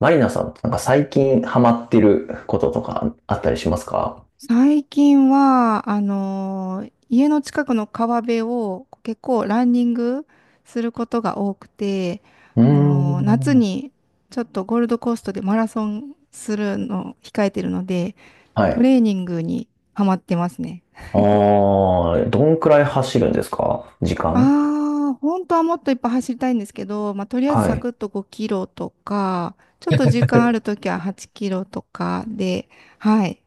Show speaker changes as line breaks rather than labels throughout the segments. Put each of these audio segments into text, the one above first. マリナさんってなんか最近ハマってることとかあったりしますか？
最近は、家の近くの川辺を結構ランニングすることが多くて、
うー
夏
ん。
にちょっとゴールドコーストでマラソンするのを控えてるので、
は
ト
い。
レーニングにハマってますね。
ああ、どんくらい走るんですか、時間？
ああ、本当はもっといっぱい走りたいんですけど、まあ、とりあえず
は
サ
い。
クッと5キロとか、ちょっと時間ある ときは8キロとかで、はい、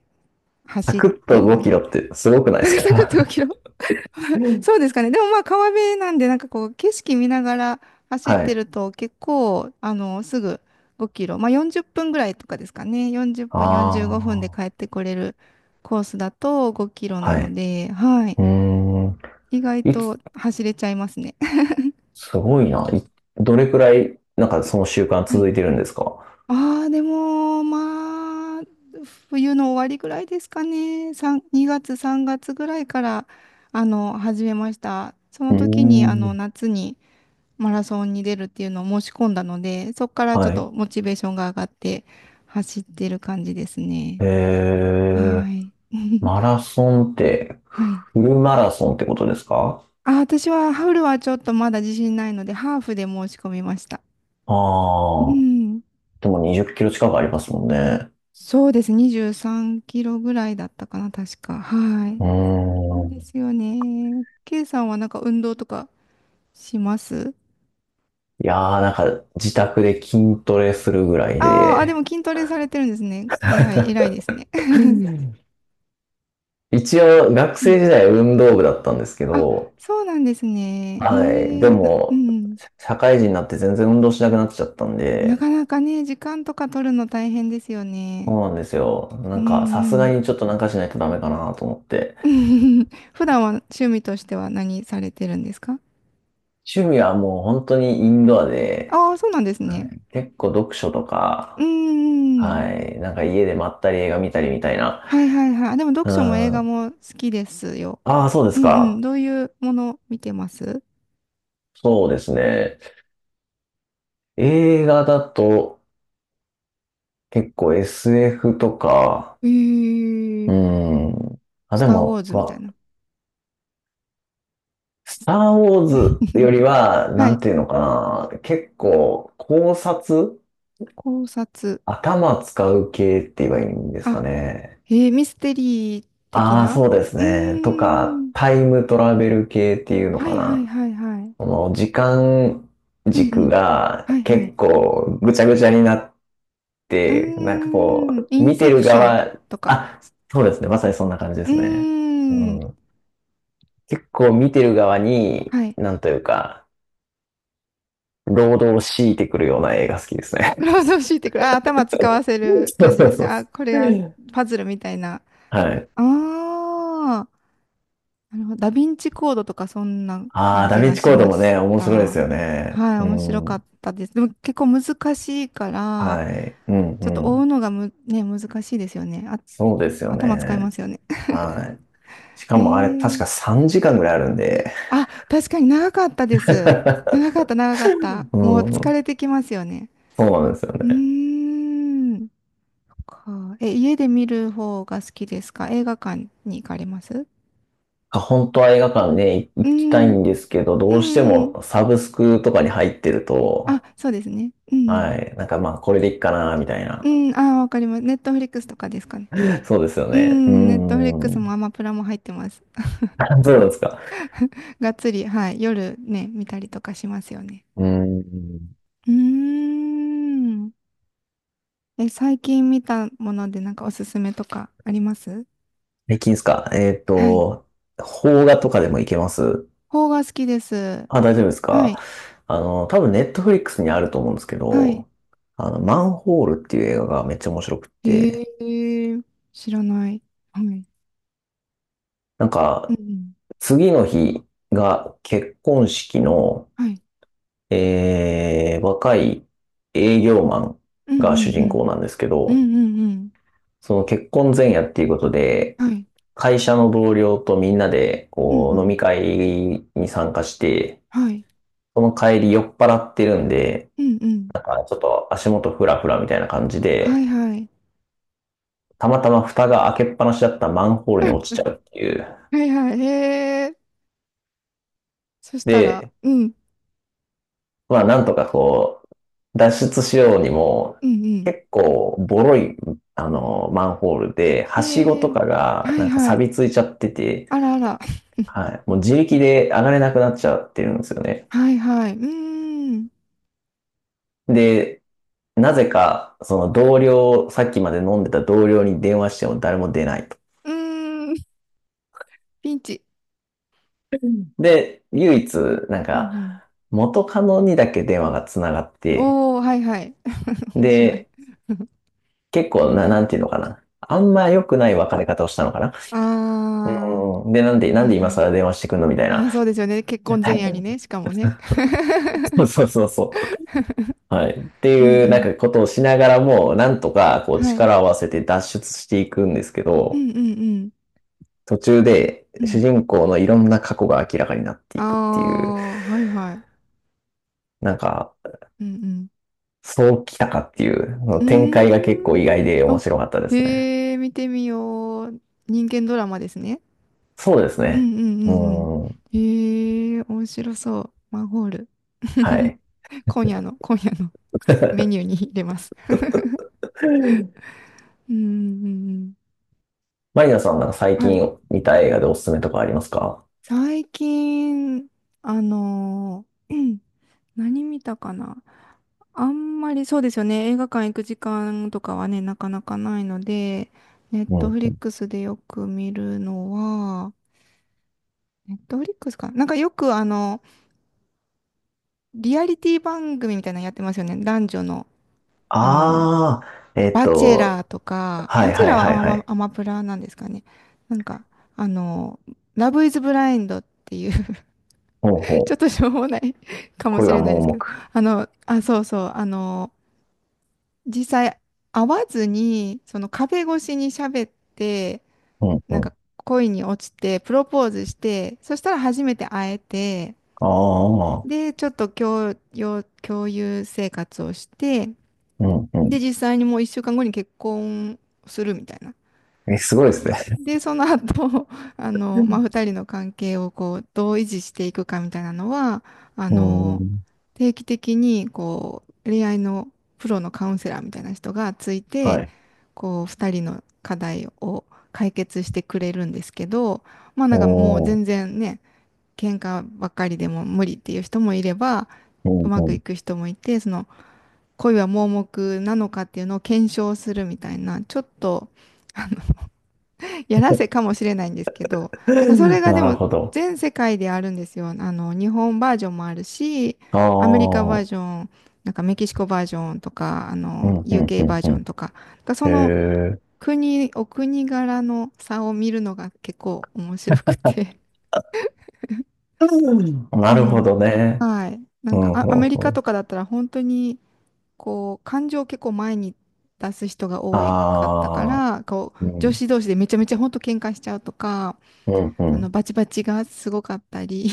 サ
走っ
クッ
て
と5
ます。
キロってすごくないです
サクッ
か？
と5 キロそうですかね。でもまあ川辺なんで、なんかこう景色見ながら走っ
は
て
い。
ると結構、すぐ5キロ、まあ40分ぐらいとかですかね。40分、45分で
あ
帰っ
あ、
てこれるコースだと5キロな
は
の
い。
で、はい。
うーん。
意外
いつ、
と走れちゃいますね。
すごいな。どれくらい、なんかその習慣
は
続
い。
いてるんですか？
ああ、でも、まあ、冬の終わりぐらいですかね。3、2月、3月ぐらいから、始めました。そ
う
の時に、
ーん。
夏に、マラソンに出るっていうのを申し込んだので、そこからちょ
は
っ
い。
とモチベーションが上がって走ってる感じですね。
え
は
ー、
い。
マラソンって、
はい。
フルマラソンってことですか？
あ、私はハーフルはちょっとまだ自信ないので、ハーフで申し込みました。う
ああ、
ん。
でも20キロ近くありますもんね。
そうです。23キロぐらいだったかな、確か。は
う
い。な
ー
んで
ん。
すよね。K さんはなんか運動とかします？
いやー、なんか自宅で筋トレするぐらい
あーあ、でも
で。
筋トレされてるんですね。偉い、偉いですね。
一応学
う
生
ん、
時代運動部だったんですけ
あ、
ど、
そうなんですね。
はい。で
へえ、う
も、
ん。
社会人になって全然運動しなくなっちゃったん
な
で、
かなかね、時間とか取るの大変ですよ
そ
ね。
うなんですよ。な
う
んかさすが
ん
にちょっとなんかしないとダメかなと思って。
うん。普段は趣味としては何されてるんですか？
趣味はもう本当にインドアで、
ああー、そうなんです
は
ね。
い、結構読書と
うん
か、
うんうん。
はい。なんか家でまったり映画見たりみたいな。
はいはいはい。でも
う
読書も映画も好きですよ。
ああ、そうで
う
す
んうん。
か。
どういうもの見てます？
そうですね。映画だと結構 SF とか、
え
うー
ー、
ん。あ、
ス
で
ター・ウォ
も、
ーズみたいな。
スター・ウォーズよ りは、な
はい。
んていうのかな。結構考察、
考察。
頭使う系って言えばいいんですか
あ、
ね。
ミステリー的
ああ、
な。
そうです
うー
ね。とか、
ん。
タイムトラベル系っていうの
は
か
いはい
な。
はいはい。
この時間
うんう
軸
ん。
が
はいは
結
い。
構ぐちゃぐちゃになっ、
うー
なんか
ん。
こ
イ
う、
ン
見て
セ
る
プション
側、
とか。
あ、そうですね。まさにそんな感じで
う
すね。
ーん。
うん。結構見てる側に、
はい。
なんというか、労働を強いてくるような映画好きですね。
労働してくる。あ、頭使 わせる
そう
感じ
そう
です
そう。
か。あ、これがパズルみたいな。
はい。
ああ。なるほど。ダヴィンチコードとかそんな
ああ、
感
ダ
じ
ヴィン
が
チ
し
コード
ま
も
し
ね、面白いです
た。
よね。
はい。
う
面白かっ
ん。
たです。でも結構難しいから、
はい。うん
ちょっと
う
追う
ん。
のがね、難しいですよね。あ、
そうですよ
頭使いま
ね。
すよね。
はい。しか
へ
もあれ、確
え。
か3時間ぐらいあるんで。
あ、確かに長かったです。長 かった、長かった。
う
もう疲
ん。
れてきますよね。
そうなんですよ
う
ね。
ーん。家で見る方が好きですか？映画館に行かれます？
あ、本当は映画館ね、行
う
きたい
ん。
んですけど、ど
う
うして
んうん。
もサブスクとかに入ってる
あ、
と、
そうですね。うん。
はい、なんかまあ、これでいいかな、みたい
う
な。
ん。あ、わかります。ネットフリックスとかですかね。
そうですよ
う
ね。う
ん。ネットフリック
ー
スも
ん。
アマプラも入ってます。
そうなんですか。
がっつり、はい。夜ね、見たりとかしますよね。
うーん。
うーん。え、最近見たものでなんかおすすめとかあります？
最近ですか。
はい。
邦画とかでも行けます？
邦画好きです。
あ、大丈夫です
は
か。
い。
多分ネットフリックスにあると思うんですけ
はい。
ど、マンホールっていう映画がめっちゃ面白くっ
え
て、
えー、知らない。はい。うん
なん
う
か、
ん。
次の日が結婚式の、
はい。
若い営業マン
うんう
が主
んう
人
ん。
公なんですけ
う
ど、
んうんうん。
その結婚前夜っていうことで、
はい。
会社の同僚とみんなで、
うんう
こう、飲み
ん。
会に参加して、
はい。
その帰り酔っ払ってるんで、
うんうん。
あ、ちょっと足元フラフラみたいな感じ
は
で、
いはい。
たまたま蓋が開けっぱなしだったマンホールに落ちち ゃうっていう。
はいはい。へえ。そしたら、
で、
うん。
まあ、なんとかこう、脱出しようにも、
うんうん。
結構、ボロい、マンホールで、はしご
へ
と
え。
かが、
はい
なんか
はい。
錆びついちゃってて、
あらあら。
はい。もう自力で上がれなくなっちゃってるんですよね。
はいはい。うーん。
で、なぜか、その同僚、さっきまで飲んでた同僚に電話しても誰も出ないと。
うーん。ピンチ。
で、唯一、なん
うんう
か、
ん。
元カノにだけ電話が繋がって、
おー、はいはい。面白い。
で、結構な、なんていうのかな。あんま良くない別れ方をしたのかな。
あ
うん。
ー。
で、なんで、な
は
ん
い
で今
はい。
更電話してくんのみたい
あ
な。
あ、そうですよね。結婚前夜にね、し かもね。
そうそうそうそう。はい。って
うんう
いう、なん
ん。
かことをしながらも、なんとか、こう、
はい。
力を合わせて脱出していくんですけ
う
ど、
んうんうん。
途中で、
う
主
ん。
人公のいろんな過去が明らかになって
あ
いくっていう、
あ、はいはい。
なんか、
うん
そうきたかっていう、の
う
展開が結構意
ん。
外
う
で
ーん。
面
あ、
白かったですね。
へえ、見てみよう。人間ドラマですね。
そうです
う
ね。
んうんう
う
んうん。
ん。
へえ、面白そう。マンホール。
はい。
今夜のメニューに入れます。うんうんうんうん。
マリナさんなんか最
はい。
近見た映画でおすすめとかありますか？
最近、あのー何見たかな。あんまりそうですよね。映画館行く時間とかはね、なかなかないので、ネッ
う
トフリッ
ん。
クスでよく見るのは、ネットフリックスかな。なんかよくリアリティ番組みたいなのやってますよね。男女の、あの、
ああ、
バチェラーとか、
は
バ
い
チェ
は
ラ
い
ーは
はいはい。
アマプラなんですかね。なんか、あの、ラブイズブラインドっていう
ほうほ
ちょ
う。
っとしょうもない かも
恋
し
は
れない
盲
ですけ
目。
ど、あ、そうそう、実際会わずにその壁越しに喋って
うんう
なん
ん。
か恋に落ちてプロポーズしてそしたら初めて会えて
ああ、
でちょっと共有生活をして
うんう
で実際にもう1週間後に結婚するみたいな。
ん。え、すごいですね。
で、その後、
う
まあ、
ん。
二人の関係をこう、どう維持していくかみたいなのは、あ
うー
の、
ん。
定期的に、こう、恋愛のプロのカウンセラーみたいな人がつい
は
て、
い。
こう、二人の課題を解決してくれるんですけど、まあ、なんかもう
おー。
全然ね、喧嘩ばっかりでも無理っていう人もいれば、
う
う
ん
ま
う
くい
ん。
く人もいて、その、恋は盲目なのかっていうのを検証するみたいな、ちょっと、あやらせかもしれないんですけど、なんかそれ がで
なる
も
ほど。
全世界であるんですよ。日本バージョンもあるし、
あ
アメリカバー
あ、
ジョン、なんかメキシコバージョンとか、
うんうんう
UK バ
ん
ー
う
ジョ
ん。
ンとか、なんかそ
へ
の
え。
国、お国柄の差を見るのが結構面白くて。
うん。 なるほ
は
ど
い。
ね。
はい。な
う
んか
んう
あアメ
ん
リ
う
カと
ん。
かだったら本当に、こう、感情を結構前に出す人が多かったか
ああ、
ら、こう、
う
女
ん。
子同士でめちゃめちゃ本当喧嘩しちゃうとか、
うんう
バチバチがすごかったり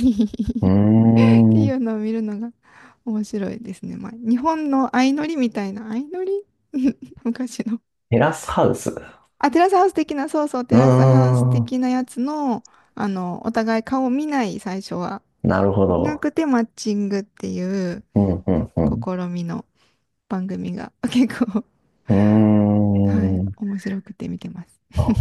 って
ん。うー
い
ん。
うのを見るのが面白いですね。まあ、日本の相乗りみたいな、相乗り 昔の。
テラスハウス。う
あ、テラスハウス的な、そうそう、
ー
テラスハウス
ん。
的なやつの、お互い顔を見ない、最初は。
なるほ
見な
ど。
くてマッチングっていう
うんうんう
試みの番組が 結構、は
ん。
い、
うーん。
面白くて見てます。
あ、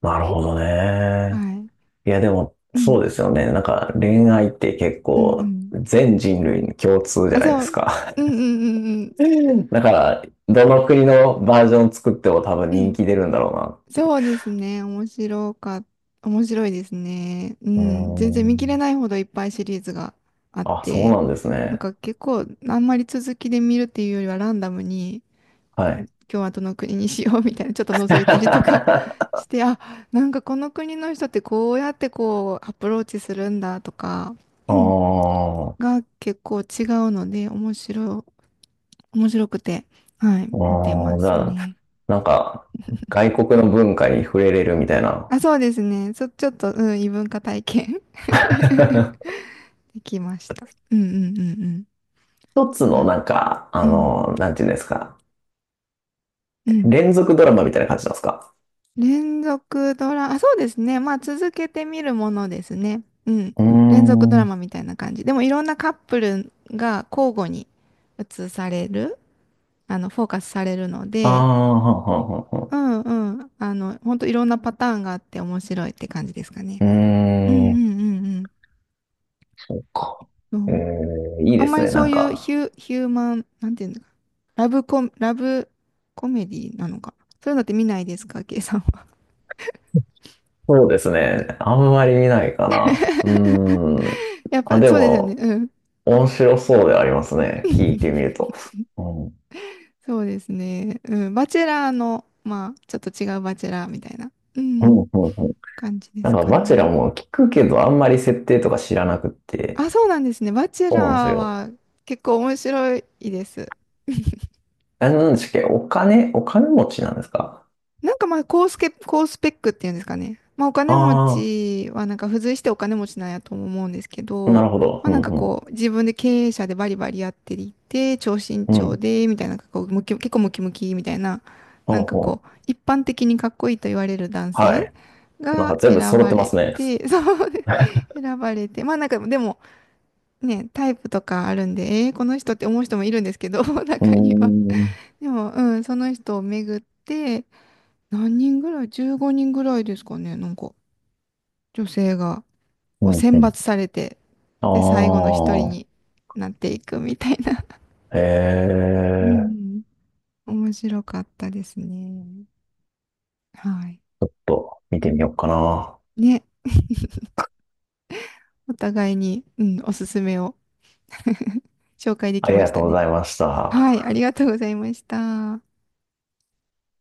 なるほどね。
はい。
いや、でも、
う
そ
ん。
うですよね。なんか、恋愛って結
うんう
構、
ん。
全人類に共通じゃ
あ、
ないで
そ
す
う。
か。
うんうんうんうん。
だから、どの国のバージョン作っても多分
う
人
ん。
気出るんだろ
そうですね。面白いですね。う
うな。う
ん。全然
ー
見切れ
ん。
ないほどいっぱいシリーズがあっ
あ、そう
て、
なんです
なん
ね。
か結構あんまり続きで見るっていうよりはランダムに、
は
今
い。
日はどの国にしようみたいな、ちょっと 覗いたりとか
あ
して、あ、なんかこの国の人ってこうやってこうアプローチするんだとか、うん
あ、
が結構違うので、面白くて、はい、
あ
見てま
あ、じ
す
ゃあ、
ね。
なんか、外国の文化に触れれるみたいな。
あ、そうですね。ちょっと、うん、異文化体験 できました。うんうんうんうん。
一つの
はい。
なんか、
うん。
なんていうんですか。
うん。
連続ドラマみたいな感じなんですか？
連続ドラ、あ、そうですね。まあ、続けてみるものですね。うん。
うー
連続ドラ
ん。
マみたいな感じ。でも、いろんなカップルが交互に映される、フォーカスされるの
あ
で、
あ、はんはんはんは
う
ん。
んうん。ほんといろんなパターンがあって面白いって感じですか
う
ね。
ー
うんう
ん。
んうんうん。
そっか。
そ
え
う、
ー、いい
あ
で
んま
す
り
ね、
そ
な
う
ん
いう
か。
ヒューマン、なんていうのラブコメディなのか。そういうのって見ないですか、ケイさんは。
そうですね。あんまり見ないかな。うーん。
やっ
あ、
ぱ
で
そうですよね。
も、
うん。
面白そうではありますね。聞いてみる と。うん。う
そうですね。うん。バチェラーの、まあ、ちょっと違うバチェラーみたいな、う
ん、う
ん、
ん、うん。
感じで
なん
す
か、
か
バチェラ
ね。
ーも聞くけど、あんまり設定とか知らなくって。
あ、そうなんですね。バチェ
そうなんです
ラー
よ。
は結構面白いです。
え、なんでしたっけ、お金持ちなんですか？
なんかまあ高スペックっていうんですかね。まあお金持
あ
ちはなんか付随してお金持ちなんやとも思うんですけ
あー、な
ど、
るほど。
ま
う
あなん
ん
か
うん。
こう自分で経営者でバリバリやっていて、超身
う
長
ん。
で、みたいな、なんかこう結構ムキムキみたいな、な
ほう
んか
ほ
こ
う。
う一般的にかっこいいと言われる男
は
性
い。なんか
が
全部
選
揃っ
ば
てま
れ
すね。
て、そう、選ばれて、まあなんかでもね、タイプとかあるんで、えーこの人って思う人もいるんですけど、
うー
中には。
ん。
でも、うん、その人を巡って、何人ぐらい？ 15 人ぐらいですかね。なんか、女性が
う
こう
んう
選
ん。
抜されて、
あ
で、最後の一人になっていくみたいな。
あ。
うんうん。面白かったですね。はい。
見てみようかな。
ね。お互いに、うん、おすすめを 紹介で
あ
き
り
ま
が
し
と
た
うご
ね。
ざいまし
はい。
た。
ありがとうございました。